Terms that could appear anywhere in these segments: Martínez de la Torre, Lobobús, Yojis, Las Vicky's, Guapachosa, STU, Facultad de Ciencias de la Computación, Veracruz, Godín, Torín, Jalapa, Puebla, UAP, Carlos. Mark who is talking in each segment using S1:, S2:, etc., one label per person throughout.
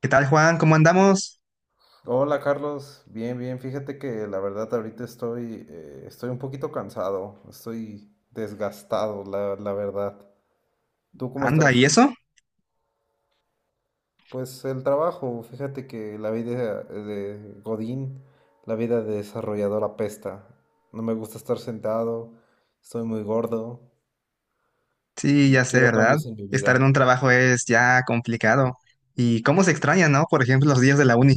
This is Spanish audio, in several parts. S1: ¿Qué tal, Juan? ¿Cómo andamos?
S2: Hola Carlos, bien, bien. Fíjate que la verdad ahorita estoy un poquito cansado, estoy desgastado, la verdad. ¿Tú cómo
S1: Anda, ¿y
S2: estás?
S1: eso?
S2: Pues el trabajo, fíjate que la vida de Godín, la vida de desarrollador apesta. No me gusta estar sentado, estoy muy gordo
S1: Sí,
S2: y
S1: ya sé,
S2: quiero
S1: ¿verdad?
S2: cambios en mi
S1: Estar en
S2: vida.
S1: un trabajo es ya complicado. ¿Y cómo se extraña, no? Por ejemplo, los días de la uni.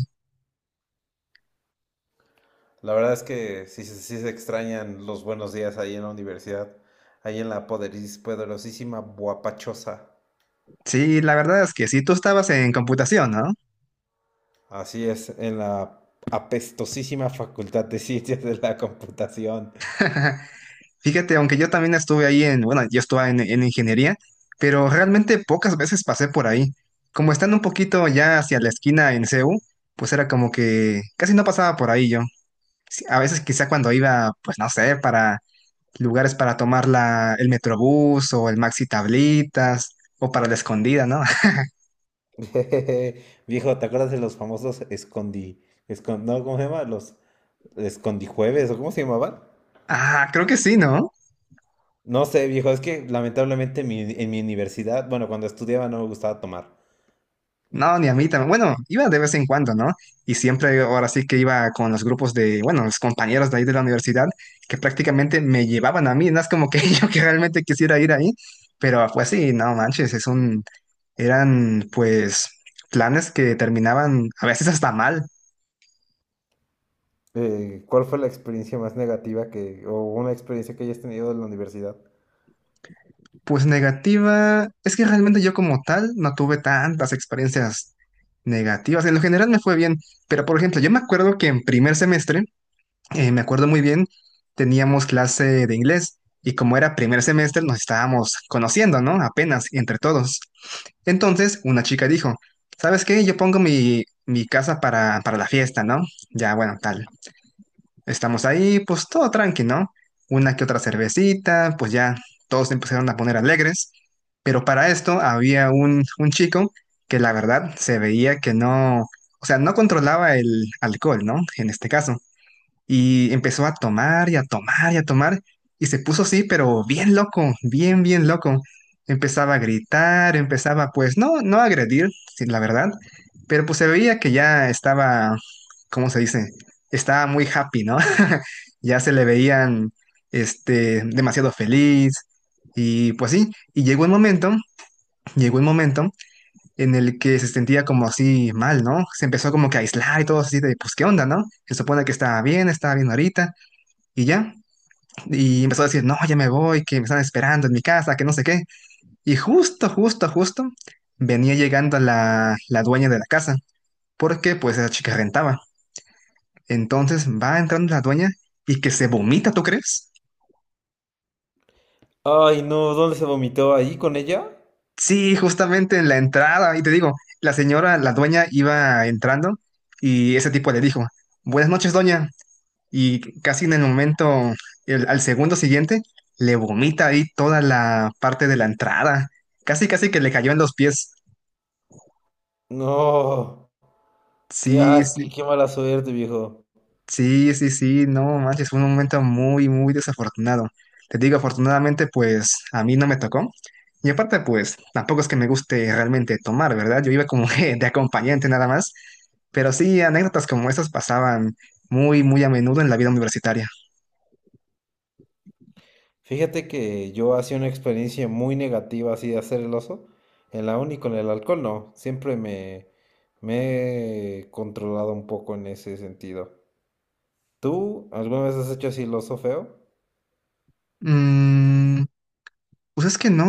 S2: La verdad es que sí, sí se extrañan los buenos días ahí en la universidad, ahí en la poderosísima Guapachosa.
S1: Sí, la verdad es que sí, tú estabas en computación, ¿no?
S2: Así es, en la apestosísima Facultad de Ciencias de la Computación.
S1: Fíjate, aunque yo también estuve ahí en, bueno, yo estuve en ingeniería, pero realmente pocas veces pasé por ahí. Como estando un poquito ya hacia la esquina en CU, pues era como que casi no pasaba por ahí yo. Sí, a veces quizá cuando iba, pues no sé, para lugares para tomar el Metrobús o el Maxi Tablitas o para la escondida, ¿no?
S2: Viejo, ¿te acuerdas de los famosos escondi... escon- no, ¿cómo se llama? Los escondijueves, ¿o cómo se llamaban?
S1: Ah, creo que sí, ¿no?
S2: No sé, viejo, es que lamentablemente en mi universidad, bueno, cuando estudiaba no me gustaba tomar.
S1: No, ni a mí también. Bueno, iba de vez en cuando, ¿no? Y siempre, ahora sí que iba con los grupos de, bueno, los compañeros de ahí de la universidad, que prácticamente me llevaban a mí, no es como que yo que realmente quisiera ir ahí, pero pues sí, no manches, es un, eran pues planes que terminaban a veces hasta mal.
S2: ¿Cuál fue la experiencia más negativa que, o una experiencia que hayas tenido de la universidad?
S1: Pues negativa, es que realmente yo como tal no tuve tantas experiencias negativas. En lo general me fue bien, pero por ejemplo, yo me acuerdo que en primer semestre, me acuerdo muy bien, teníamos clase de inglés y como era primer semestre nos estábamos conociendo, ¿no? Apenas entre todos. Entonces una chica dijo, ¿sabes qué? Yo pongo mi casa para la fiesta, ¿no? Ya, bueno, tal. Estamos ahí, pues todo tranqui, ¿no? Una que otra cervecita, pues ya todos se empezaron a poner alegres. Pero para esto había un chico que la verdad se veía que no, o sea, no controlaba el alcohol, ¿no? En este caso. Y empezó a tomar y a tomar y a tomar. Y se puso así, pero bien loco, bien, bien loco. Empezaba a gritar, empezaba pues no, no a agredir, sí, la verdad. Pero pues se veía que ya estaba, ¿cómo se dice? Estaba muy happy, ¿no? Ya se le veían, este, demasiado feliz. Y pues sí, y llegó un momento en el que se sentía como así mal, ¿no? Se empezó como que a aislar y todo así de, pues, ¿qué onda, no? Se supone que estaba bien ahorita, y ya, y empezó a decir, no, ya me voy, que me están esperando en mi casa, que no sé qué. Y justo, justo, justo, venía llegando la dueña de la casa, porque pues esa chica rentaba. Entonces va entrando la dueña y que se vomita, ¿tú crees?
S2: Ay, no, ¿dónde se vomitó? ¿Ahí con ella?
S1: Sí, justamente en la entrada, y te digo, la señora, la dueña iba entrando y ese tipo le dijo, buenas noches, doña, y casi en el momento, al segundo siguiente, le vomita ahí toda la parte de la entrada. Casi, casi que le cayó en los pies.
S2: No,
S1: Sí, sí,
S2: qué, qué mala suerte, viejo.
S1: sí, sí, sí, no manches, fue un momento muy, muy desafortunado. Te digo, afortunadamente, pues a mí no me tocó. Y aparte, pues tampoco es que me guste realmente tomar, ¿verdad? Yo iba como que de acompañante nada más. Pero sí, anécdotas como esas pasaban muy, muy a menudo en la vida universitaria.
S2: Fíjate que yo hacía una experiencia muy negativa así de hacer el oso. En la uni con el alcohol no. Siempre me he controlado un poco en ese sentido. ¿Tú alguna vez has hecho así el oso feo?
S1: Mm, pues es que no,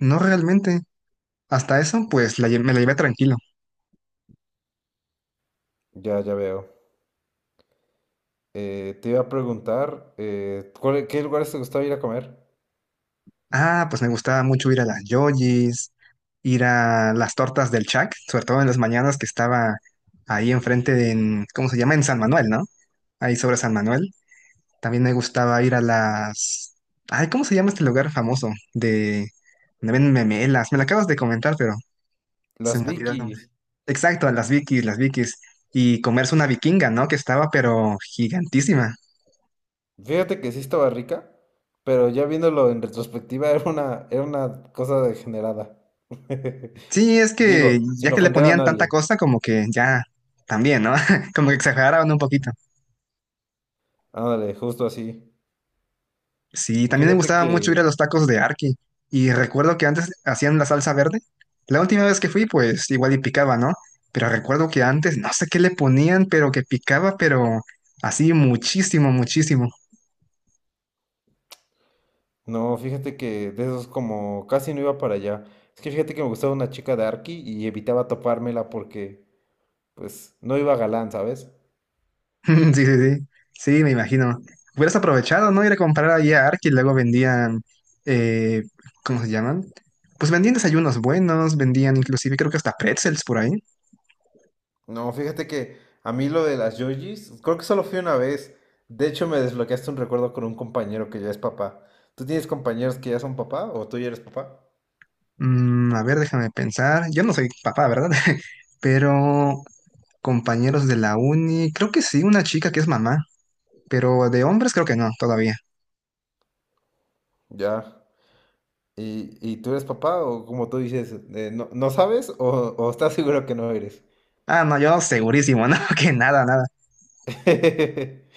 S1: no realmente. Hasta eso, pues la me la llevé tranquilo.
S2: Ya, ya veo. Te iba a preguntar, ¿qué lugares te gustaba ir a comer?
S1: Ah, pues me gustaba mucho ir a las Yoyis, ir a las tortas del Chac, sobre todo en las mañanas que estaba ahí enfrente de, ¿cómo se llama? En San Manuel, ¿no? Ahí sobre San Manuel. También me gustaba ir a las... Ay, ¿cómo se llama este lugar famoso? De... donde venden memelas. Me lo acabas de comentar, pero se
S2: Las
S1: me olvidó el nombre.
S2: Vicky's.
S1: Exacto, a las Vikis, las Vikis. Y comerse una vikinga, ¿no? Que estaba, pero gigantísima.
S2: Fíjate que sí estaba rica, pero ya viéndolo en retrospectiva era una cosa degenerada.
S1: Sí, es que
S2: Digo, sin
S1: ya que le
S2: ofender a
S1: ponían tanta
S2: nadie.
S1: cosa, como que ya también, ¿no? Como que exageraban un poquito.
S2: Ándale, justo así.
S1: Sí, también me
S2: Fíjate
S1: gustaba mucho ir a
S2: que,
S1: los tacos de Arki. Y recuerdo que antes hacían la salsa verde. La última vez que fui, pues igual y picaba, ¿no? Pero recuerdo que antes no sé qué le ponían, pero que picaba, pero así muchísimo, muchísimo.
S2: no, fíjate que de esos como casi no iba para allá. Es que fíjate que me gustaba una chica de Arki y evitaba topármela porque, pues, no iba galán, ¿sabes?
S1: Sí, sí, sí. Sí, me imagino. Hubieras aprovechado, ¿no? Ir a comprar ahí a Ark y luego vendían, eh, ¿cómo se llaman? Pues vendían desayunos buenos, vendían inclusive creo que hasta pretzels por ahí.
S2: No, fíjate que a mí lo de las Yojis, creo que solo fui una vez. De hecho, me desbloqueaste un recuerdo con un compañero que ya es papá. ¿Tú tienes compañeros que ya son papá o tú ya eres papá?
S1: Mm, a ver, déjame pensar. Yo no soy papá, ¿verdad? Pero compañeros de la uni, creo que sí, una chica que es mamá, pero de hombres creo que no, todavía.
S2: Ya. ¿Y, tú eres papá o como tú dices, no sabes o estás seguro que no eres?
S1: Ah, no, yo segurísimo, no, que nada, nada.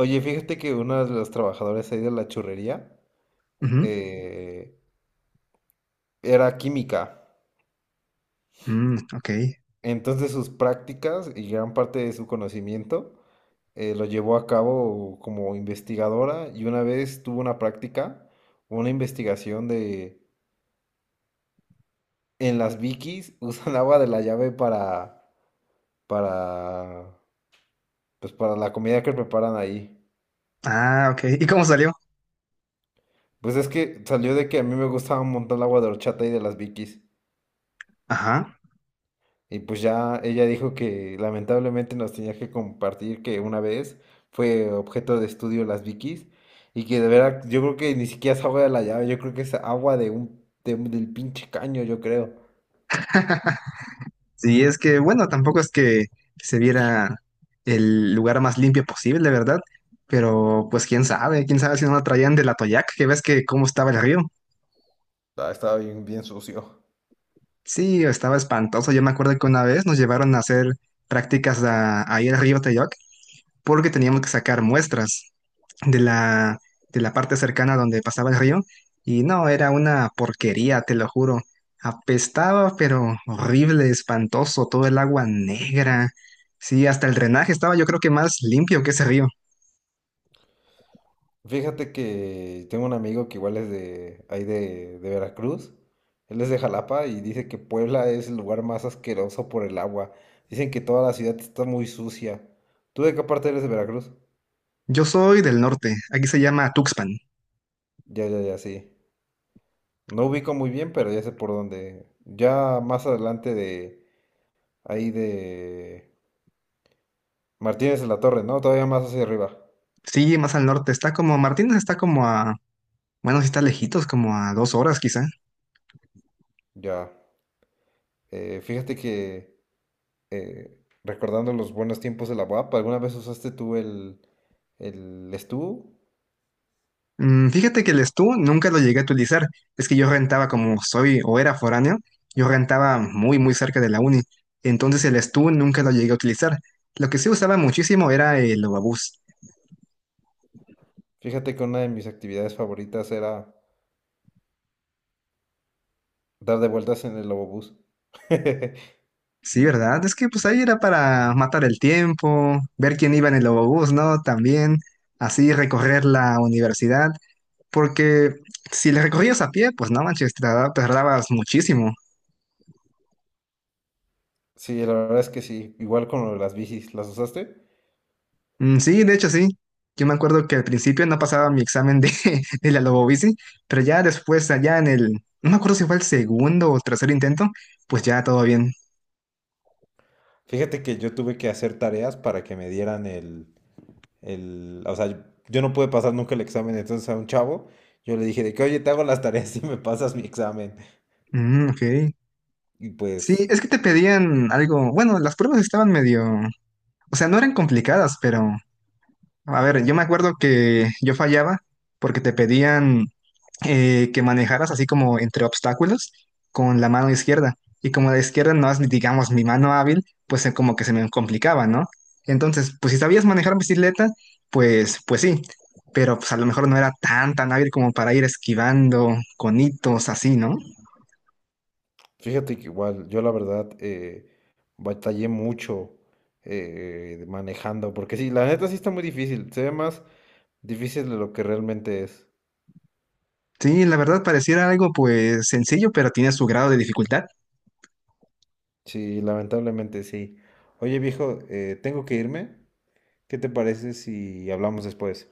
S2: Oye, fíjate que uno de los trabajadores ahí de la churrería
S1: Ujú.
S2: eh, era química.
S1: Mm, ok.
S2: Entonces sus prácticas y gran parte de su conocimiento lo llevó a cabo como investigadora y una vez tuvo una práctica, una investigación de en las Vikis usan agua de la llave para pues para la comida que preparan ahí.
S1: Ah, ok. ¿Y cómo salió?
S2: Pues es que salió de que a mí me gustaba un montón el agua de horchata y de las Vikis.
S1: Ajá.
S2: Y pues ya ella dijo que lamentablemente nos tenía que compartir que una vez fue objeto de estudio las Vikis y que de verdad yo creo que ni siquiera es agua de la llave, yo creo que es agua de un, del pinche caño, yo creo.
S1: Sí, es que, bueno, tampoco es que se viera el lugar más limpio posible, ¿verdad? Pero pues quién sabe si no lo traían del Atoyac, que ves que cómo estaba el río.
S2: Ah, estaba bien, bien sucio.
S1: Sí, estaba espantoso. Yo me acuerdo que una vez nos llevaron a hacer prácticas ahí al río Teyoc porque teníamos que sacar muestras de la, de la parte cercana donde pasaba el río y no, era una porquería, te lo juro. Apestaba, pero horrible, espantoso, todo el agua negra. Sí, hasta el drenaje estaba yo creo que más limpio que ese río.
S2: Fíjate que tengo un amigo que igual es de ahí de Veracruz, él es de Jalapa y dice que Puebla es el lugar más asqueroso por el agua. Dicen que toda la ciudad está muy sucia. ¿Tú de qué parte eres de Veracruz?
S1: Yo soy del norte, aquí se llama Tuxpan.
S2: Ya, ya, ya, sí. No ubico muy bien, pero ya sé por dónde. Ya más adelante de ahí de Martínez de la Torre, ¿no? Todavía más hacia arriba.
S1: Sí, más al norte, está como, Martínez está como a, bueno, sí está lejitos, como a dos horas quizá.
S2: Ya. Fíjate que eh, recordando los buenos tiempos de la UAP, ¿alguna vez usaste tú el STU?
S1: Mm, fíjate que el Stu nunca lo llegué a utilizar. Es que yo rentaba como soy o era foráneo, yo rentaba muy, muy cerca de la uni. Entonces el Stu nunca lo llegué a utilizar. Lo que sí usaba muchísimo era el Ovabús.
S2: Fíjate que una de mis actividades favoritas era dar de vueltas en el Lobobús.
S1: Sí, ¿verdad? Es que pues ahí era para matar el tiempo, ver quién iba en el Ovabús, ¿no? También así recorrer la universidad. Porque si le recorrías a pie, pues no manches, te tardabas muchísimo.
S2: Sí, la verdad es que sí. Igual con lo de las bicis, ¿las usaste?
S1: Mm, sí, de hecho sí. Yo me acuerdo que al principio no pasaba mi examen de, de la Lobobici, pero ya después, allá en el, no me acuerdo si fue el segundo o tercer intento, pues ya todo bien.
S2: Fíjate que yo tuve que hacer tareas para que me dieran el, o sea, yo no pude pasar nunca el examen, entonces a un chavo yo le dije de que, oye, te hago las tareas y me pasas mi examen.
S1: Mm, ok.
S2: Y
S1: Sí,
S2: pues,
S1: es que te pedían algo, bueno, las pruebas estaban medio, o sea, no eran complicadas, pero, a ver, yo me acuerdo que yo fallaba porque te pedían que manejaras así como entre obstáculos con la mano izquierda. Y como la izquierda no es, digamos, mi mano hábil, pues como que se me complicaba, ¿no? Entonces, pues si sabías manejar bicicleta, pues, pues sí, pero pues a lo mejor no era tan, tan hábil como para ir esquivando conitos así, ¿no?
S2: fíjate que igual, yo la verdad batallé mucho manejando, porque sí, la neta sí está muy difícil, se ve más difícil de lo que realmente es.
S1: Sí, la verdad pareciera algo pues sencillo, pero tiene su grado de dificultad.
S2: Sí, lamentablemente sí. Oye, viejo, tengo que irme. ¿Qué te parece si hablamos después?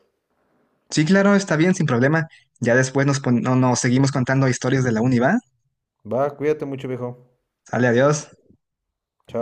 S1: Sí, claro, está bien, sin problema. Ya después nos, no, nos seguimos contando historias de la uni, ¿va?
S2: Va, cuídate mucho, viejo.
S1: Sale, adiós.
S2: Chao.